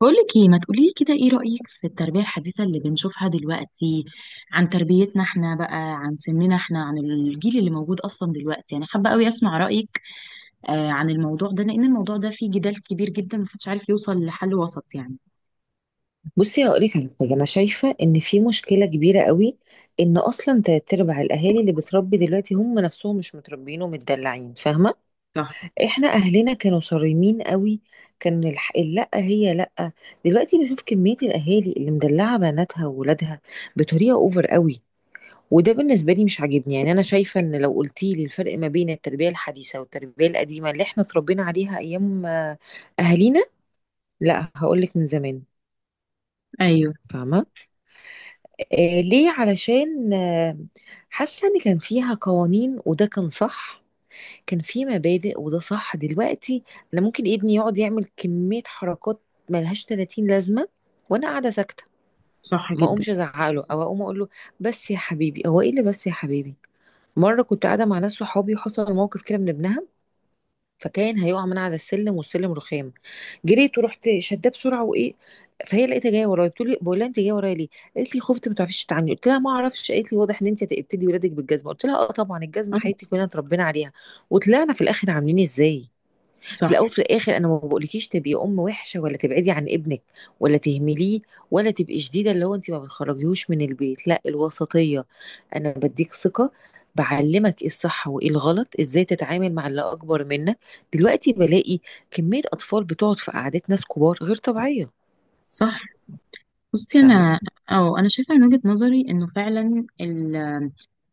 بقولك ايه؟ ما تقوليلي كده، ايه رأيك في التربية الحديثة اللي بنشوفها دلوقتي عن تربيتنا احنا، بقى عن سننا احنا، عن الجيل اللي موجود اصلا دلوقتي؟ يعني حابة قوي اسمع رأيك آه، عن الموضوع ده، لان الموضوع ده فيه جدال كبير جدا، محدش عارف يوصل لحل وسط يعني. بصي هقول لك على حاجه. انا شايفه ان في مشكله كبيره قوي، ان اصلا تلات ارباع الاهالي اللي بتربي دلوقتي هم نفسهم مش متربيين ومتدلعين، فاهمه؟ صح. احنا اهلنا كانوا صارمين قوي. كان الح... لا هي لا دلوقتي بشوف كميه الاهالي اللي مدلعه بناتها وولادها بطريقه اوفر قوي، وده بالنسبة لي مش عاجبني. يعني أنا شايفة إن لو قلتي لي الفرق ما بين التربية الحديثة والتربية القديمة اللي إحنا اتربينا عليها أيام أهالينا، لا هقولك من زمان، ايوه. فاهمة؟ ليه؟ علشان حاسة إن كان فيها قوانين وده كان صح، كان في مبادئ وده صح. دلوقتي أنا ممكن ابني يقعد يعمل كمية حركات ملهاش 30 لازمة وأنا قاعدة ساكتة، صح ما جدا. اقومش ازعق له او اقوم اقول له بس يا حبيبي، هو ايه اللي بس يا حبيبي؟ مره كنت قاعده مع ناس صحابي وحصل موقف كده من ابنها، فكان هيقع من على السلم والسلم رخام. جريت ورحت شداه بسرعه وايه. فهي لقيتها جايه ورايا بتقول لي، بقول لها انت جايه ورايا ليه؟ قالت لي خفت ما تعرفيش تتعاملي، قلت لها ما اعرفش. قالت لي واضح ان انت هتبتدي ولادك بالجزمه، قلت لها اه طبعا الجزمه، حياتي أيوة. كلنا اتربينا عليها وطلعنا في الاخر عاملين ازاي؟ في صح. الاول وفي الاخر انا ما بقولكيش تبقي ام وحشه ولا تبعدي عن ابنك ولا تهمليه، ولا تبقي شديده اللي هو انت ما بتخرجيهوش من البيت، لا، الوسطيه. انا بديك ثقه، بعلمك ايه الصح وايه الغلط، ازاي تتعامل مع اللي اكبر منك. دلوقتي بلاقي كميه اطفال بتقعد في قعدات ناس كبار غير طبيعيه، صح. بصي، فاهمه؟ انا اه انا شايفة من وجهة نظري انه فعلا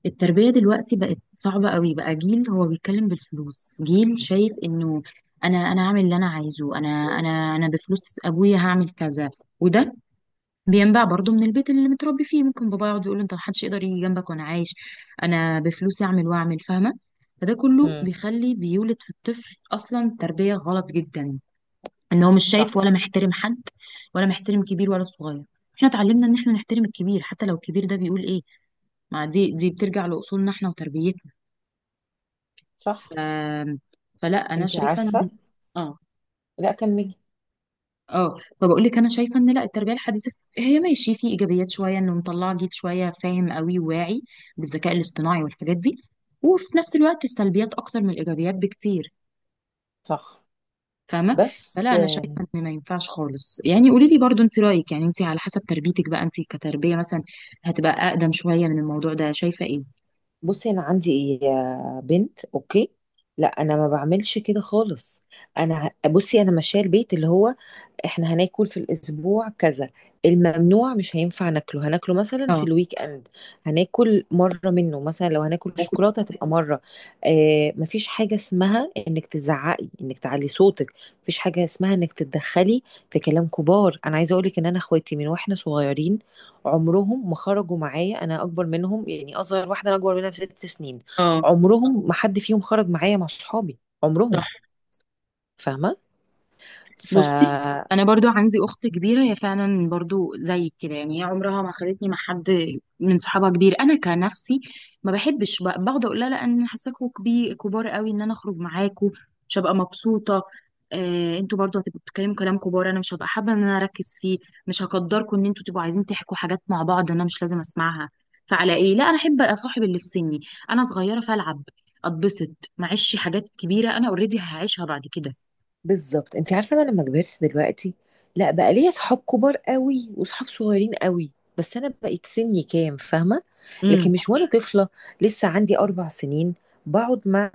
التربية دلوقتي بقت صعبة قوي. بقى جيل هو بيتكلم بالفلوس، جيل شايف انه انا هعمل اللي انا عايزه. انا بفلوس ابويا هعمل كذا. وده بينبع برضو من البيت اللي متربي فيه. ممكن بابا يقعد يقول: انت محدش يقدر يجي جنبك، وانا عايش انا بفلوسي اعمل واعمل، فاهمة؟ فده كله امم. بيخلي، بيولد في الطفل اصلا تربية غلط جدا. ان هو مش شايف ولا صح. محترم حد، ولا محترم كبير ولا صغير. احنا اتعلمنا ان احنا نحترم الكبير، حتى لو الكبير ده بيقول ايه. ما دي بترجع لاصولنا احنا وتربيتنا. صح. ف... فلا انا انتي شايفه عارفة، ان. اه. لا كملي. اه. فبقول لك، انا شايفه ان لا، التربيه الحديثه هي ماشي في ايجابيات شويه، انه مطلعه جيل شويه فاهم قوي وواعي بالذكاء الاصطناعي والحاجات دي. وفي نفس الوقت السلبيات اكتر من الايجابيات بكتير. صح. فاهمه؟ بس فلا انا شايفه ان ما ينفعش خالص يعني. قولي لي برضو انت رايك، يعني انت على حسب تربيتك بقى، انت كتربيه مثلا هتبقى اقدم شويه من الموضوع ده، شايفه ايه؟ بصي، انا عندي إيه يا بنت؟ اوكي، لا انا ما بعملش كده خالص. انا بصي انا ماشيه البيت اللي هو احنا هناكل في الاسبوع كذا، الممنوع مش هينفع ناكله، هناكله مثلا في اه. الويك اند. هناكل مره منه، مثلا لو هناكل ممكن. شوكولاته هتبقى مره. آه، مفيش حاجه اسمها انك تزعقي، انك تعلي صوتك، مفيش حاجه اسمها انك تتدخلي في كلام كبار. انا عايزه اقولك ان انا اخواتي من واحنا صغيرين عمرهم ما خرجوا معايا، انا اكبر منهم، يعني اصغر واحده انا اكبر منها بست سنين، اه. عمرهم ما حد فيهم خرج معايا مع صحابي صح. عمرهم، فاهمه؟ ف بصي، انا برضو عندي اخت كبيره، هي فعلا برضو زي كده يعني. هي عمرها ما خدتني مع حد من صحابها كبير. انا كنفسي ما بحبش، بقعد اقول لها: لا انا حاساكوا كبير، كبار قوي، ان انا اخرج معاكوا مش هبقى مبسوطه. انتوا برضو هتبقوا بتتكلموا كلام كبار، انا مش هبقى حابه ان انا اركز فيه. مش هقدركم ان انتوا تبقوا عايزين تحكوا حاجات مع بعض، انا مش لازم اسمعها. فعلى ايه؟ لا، انا احب اصاحب اللي في سني، انا صغيره فالعب، اتبسط، معيش حاجات كبيره، انا اوريدي هعيشها بعد بالظبط. انت عارفه انا لما كبرت دلوقتي، لا بقى ليا صحاب كبار قوي وصحاب صغيرين قوي، بس انا بقيت سني كام، فاهمه؟ كده. لكن مش وانا طفله لسه عندي اربع سنين بقعد مع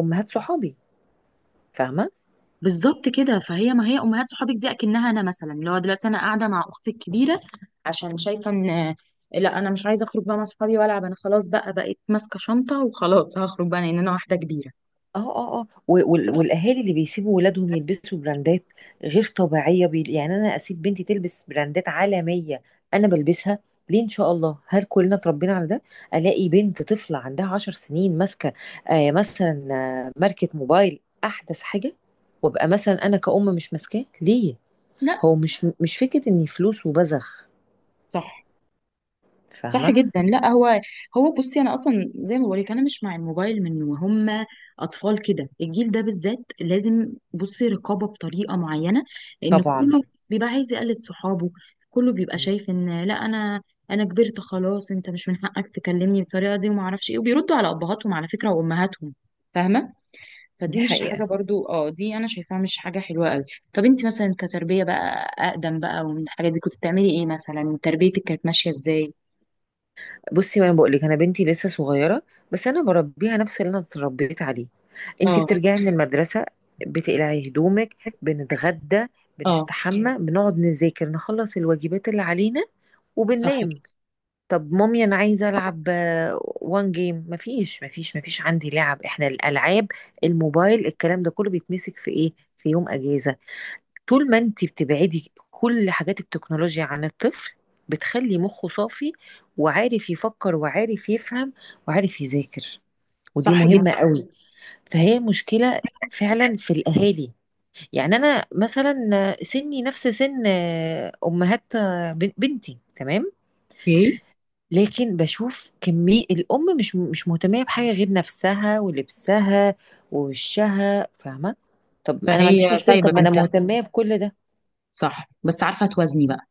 امهات صحابي، فاهمه؟ بالظبط كده. فهي، ما هي امهات صحابك دي اكنها انا مثلا، اللي هو دلوقتي انا قاعده مع اختي الكبيره، عشان شايفه ان لا، انا مش عايزه اخرج بقى مع صحابي والعب، انا خلاص بقى بقيت ماسكه شنطه وخلاص، هخرج بقى لان انا واحده كبيره. اه، والاهالي اللي بيسيبوا ولادهم يلبسوا براندات غير طبيعيه، يعني انا اسيب بنتي تلبس براندات عالميه؟ انا بلبسها ليه؟ ان شاء الله هل كلنا اتربينا على ده؟ الاقي بنت طفله عندها عشر سنين ماسكه آه مثلا ماركه موبايل احدث حاجه، وابقى مثلا انا كأم مش ماسكاه، ليه؟ لا. هو مش فكره اني فلوس وبزخ، صح. صح فاهمه؟ جدا. لا هو بصي انا اصلا زي ما بقولك، انا مش مع الموبايل من وهم اطفال كده. الجيل ده بالذات لازم، بصي، رقابه بطريقه معينه. لان طبعا كله بيبقى عايز يقلد صحابه، كله بيبقى شايف ان لا انا كبرت خلاص. انت مش من حقك تكلمني بالطريقه دي وما اعرفش ايه، وبيردوا على ابهاتهم على فكره، وامهاتهم. فاهمه؟ دي فدي مش حقيقه. حاجه برضو، دي انا شايفاها مش حاجه حلوه قوي. طب انت مثلا كتربيه بقى اقدم بقى ومن الحاجات دي، كنت بتعملي ايه مثلا؟ تربيتك كانت ماشيه ازاي؟ بصي ما انا بقول لك انا بنتي لسه صغيره، بس انا بربيها نفس اللي انا اتربيت عليه. انتي اه. بترجعي من المدرسه، بتقلعي هدومك، بنتغدى، اه. بنستحمى، بنقعد نذاكر نخلص الواجبات اللي علينا صح وبننام. كده. طب مامي انا عايزه العب، وان جيم؟ مفيش عندي لعب، احنا الالعاب، الموبايل، الكلام ده كله بيتمسك في ايه؟ في يوم اجازه. طول ما انت بتبعدي كل حاجات التكنولوجيا عن الطفل بتخلي مخه صافي، وعارف يفكر وعارف يفهم وعارف يذاكر، ودي صح جدا. مهمة قوي. فهي مشكلة فعلا في الأهالي. يعني أنا مثلا سني نفس سن أمهات بنتي، تمام؟ اوكي. لكن بشوف كمية الأم مش مهتمية بحاجة غير نفسها ولبسها ووشها، فاهمة؟ طب أنا ما عنديش فهي مشكلة، سايبه طب ما أنا بنتها. مهتمية بكل ده. صح، بس عارفه توازني بقى.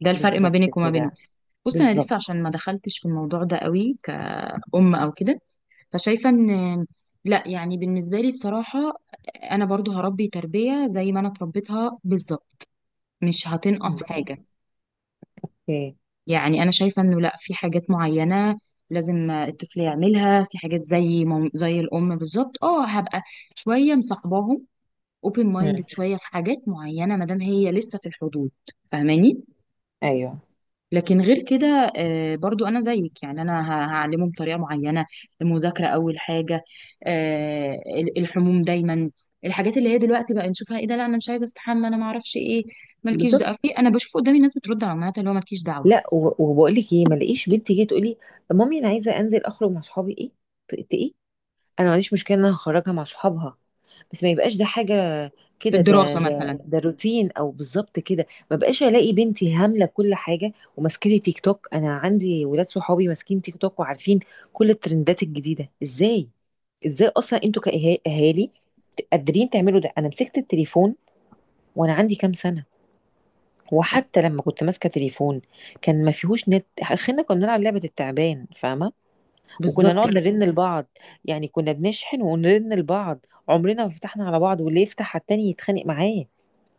ده الفرق ما بالظبط بينك وما بينهم. كده. بص، انا لسه بالظبط. عشان ما دخلتش في الموضوع ده قوي كأم او كده. فشايفه ان لا، يعني بالنسبه لي بصراحه، انا برضو هربي تربيه زي ما انا اتربيتها بالظبط، مش هتنقص مم. حاجه. اوكي. يعني انا شايفه انه لا، في حاجات معينه لازم الطفل يعملها، في حاجات زي زي الام بالظبط، هبقى شويه مصاحباهم، اوبن مم. مايندد شويه في حاجات معينه ما دام هي لسه في الحدود. فاهماني؟ ايوه. لكن غير كده، برضو انا زيك، يعني انا هعلمه بطريقه معينه. المذاكره اول حاجه، آه، الحموم دايما. الحاجات اللي هي دلوقتي بقى نشوفها: ايه ده، لا انا مش عايزه استحمى، انا ما اعرفش ايه، مالكيش بالظبط. دعوه في. انا بشوف قدامي ناس بترد على امهاتها اللي هو: مالكيش دعوه لا وبقول لك ايه، ما لاقيش بنت جايه تقول لي مامي انا عايزه انزل اخرج مع صحابي ايه؟ ايه، انا ما عنديش مشكله ان انا هخرجها مع صحابها، بس ما يبقاش ده حاجه في كده، ده الدراسه ده مثلا. ده روتين او بالظبط كده. ما بقاش الاقي بنتي هامله كل حاجه وماسكه لي تيك توك. انا عندي ولاد صحابي ماسكين تيك توك وعارفين كل الترندات الجديده. ازاي؟ ازاي اصلا انتوا كاهالي قادرين تعملوا ده؟ انا مسكت التليفون وانا عندي كام سنه؟ وحتى لما كنت ماسكه تليفون كان ما فيهوش نت، اخرنا كنا بنلعب لعبه التعبان، فاهمه؟ وكنا بالظبط نقعد كده. نرن لبعض، يعني كنا بنشحن ونرن لبعض، عمرنا ما فتحنا على بعض، واللي يفتح على التاني يتخانق معاه.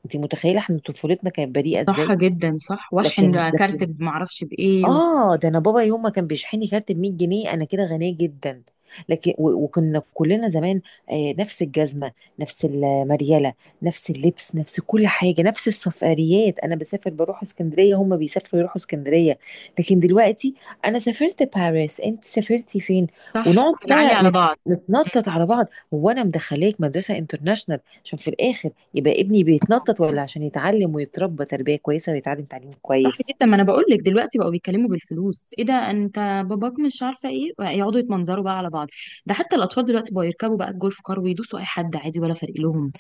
انت متخيله احنا طفولتنا كانت بريئه صح ازاي؟ جدا. صح، لكن واشحن كارت لكن ما اعرفش بايه اه، ده انا بابا يوم ما كان بيشحني كارت ب 100 جنيه انا كده غنيه جدا. لكن وكنا كلنا زمان، آه، نفس الجزمه، نفس المريله، نفس اللبس، نفس كل حاجه، نفس السفريات. انا بسافر بروح اسكندريه، هم بيسافروا يروحوا اسكندريه. لكن دلوقتي انا سافرت باريس، انت سافرتي فين؟ صح. ونقعد نعلي بقى على بعض. نتنطط على بعض. هو انا مدخلاك مدرسه انترناشونال عشان في الاخر يبقى ابني بيتنطط، ولا عشان يتعلم ويتربى تربيه كويسه ويتعلم تعليم صح كويس؟ جدا. ما انا بقول لك، دلوقتي بقوا بيتكلموا بالفلوس: ايه ده، انت باباك، مش عارفه ايه. يقعدوا يتمنظروا بقى على بعض. ده حتى الاطفال دلوقتي بقوا يركبوا بقى الجولف كار ويدوسوا اي حد عادي، ولا فارق لهم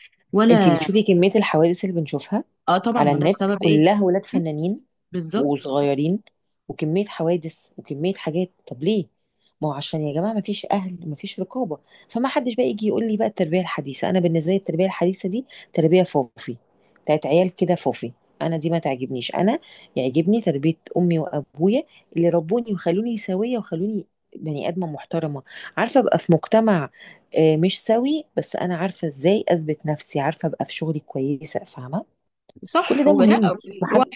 انتي ولا. بتشوفي كمية الحوادث اللي بنشوفها اه، طبعا، على ما ده النت، بسبب ايه؟ كلها ولاد م؟ فنانين بالظبط. وصغيرين، وكمية حوادث وكمية حاجات. طب ليه؟ ما هو عشان يا جماعة ما فيش أهل، ما فيش رقابة. فما حدش بقى يجي يقول لي بقى التربية الحديثة. أنا بالنسبة لي التربية الحديثة دي تربية فوفي، بتاعت عيال كده فوفي. أنا دي ما تعجبنيش. أنا يعجبني تربية أمي وأبويا اللي ربوني وخلوني سوية، وخلوني بني آدمة محترمة، عارفة أبقى في مجتمع مش سوي، بس انا عارفه ازاي اثبت نفسي، عارفه ابقى في شغلي كويسه، فاهمه؟ كل صح ده ولا. مهم، مش و- محل.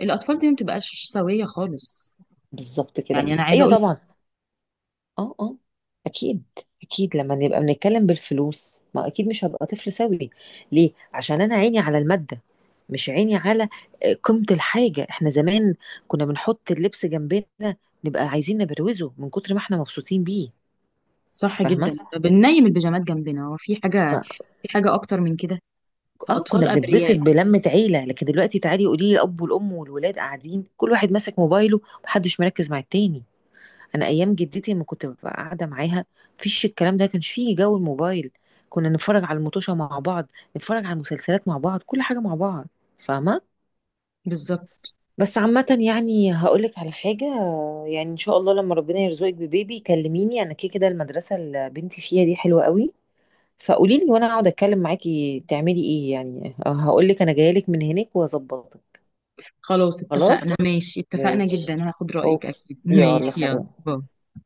الاطفال دي ما بتبقاش سويه خالص. بالظبط كده. يعني انا عايزه ايوه اقول. طبعا. اه. اكيد، اكيد. لما نبقى بنتكلم بالفلوس، ما اكيد مش هبقى طفل سوي. ليه؟ عشان انا عيني على الماده، مش عيني على قيمه الحاجه. احنا زمان كنا بنحط اللبس جنبنا، نبقى عايزين نبروزه من كتر ما احنا مبسوطين بيه، صح فاهمه؟ جدا، بننيم البيجامات جنبنا. هو في حاجه؟ في حاجه اكتر من كده؟ اه، كنا فاطفال بنتبسط ابرياء. بلمة عيلة. لكن دلوقتي تعالي قولي لي، الأب والأم والولاد قاعدين كل واحد ماسك موبايله، محدش مركز مع التاني. أنا أيام جدتي لما كنت ببقى قاعدة معاها، مفيش الكلام ده، كانش فيه جو الموبايل. كنا نتفرج على المطوشة مع بعض، نتفرج على المسلسلات مع بعض، كل حاجة مع بعض، فاهمة؟ بالظبط. بس عامة يعني هقولك على حاجة، يعني إن شاء الله لما ربنا يرزقك ببيبي كلميني، أنا كده كده المدرسة اللي بنتي فيها دي حلوة قوي، فقولي لي وانا اقعد اتكلم معاكي تعملي ايه، يعني هقول لك انا جايه لك من هناك واظبطك. خلاص، خلاص. اتفقنا، ماشي، اتفقنا ماشي. جدا، هاخد رايك اوكي. اكيد، يلا ماشي، يلا سلام. باي.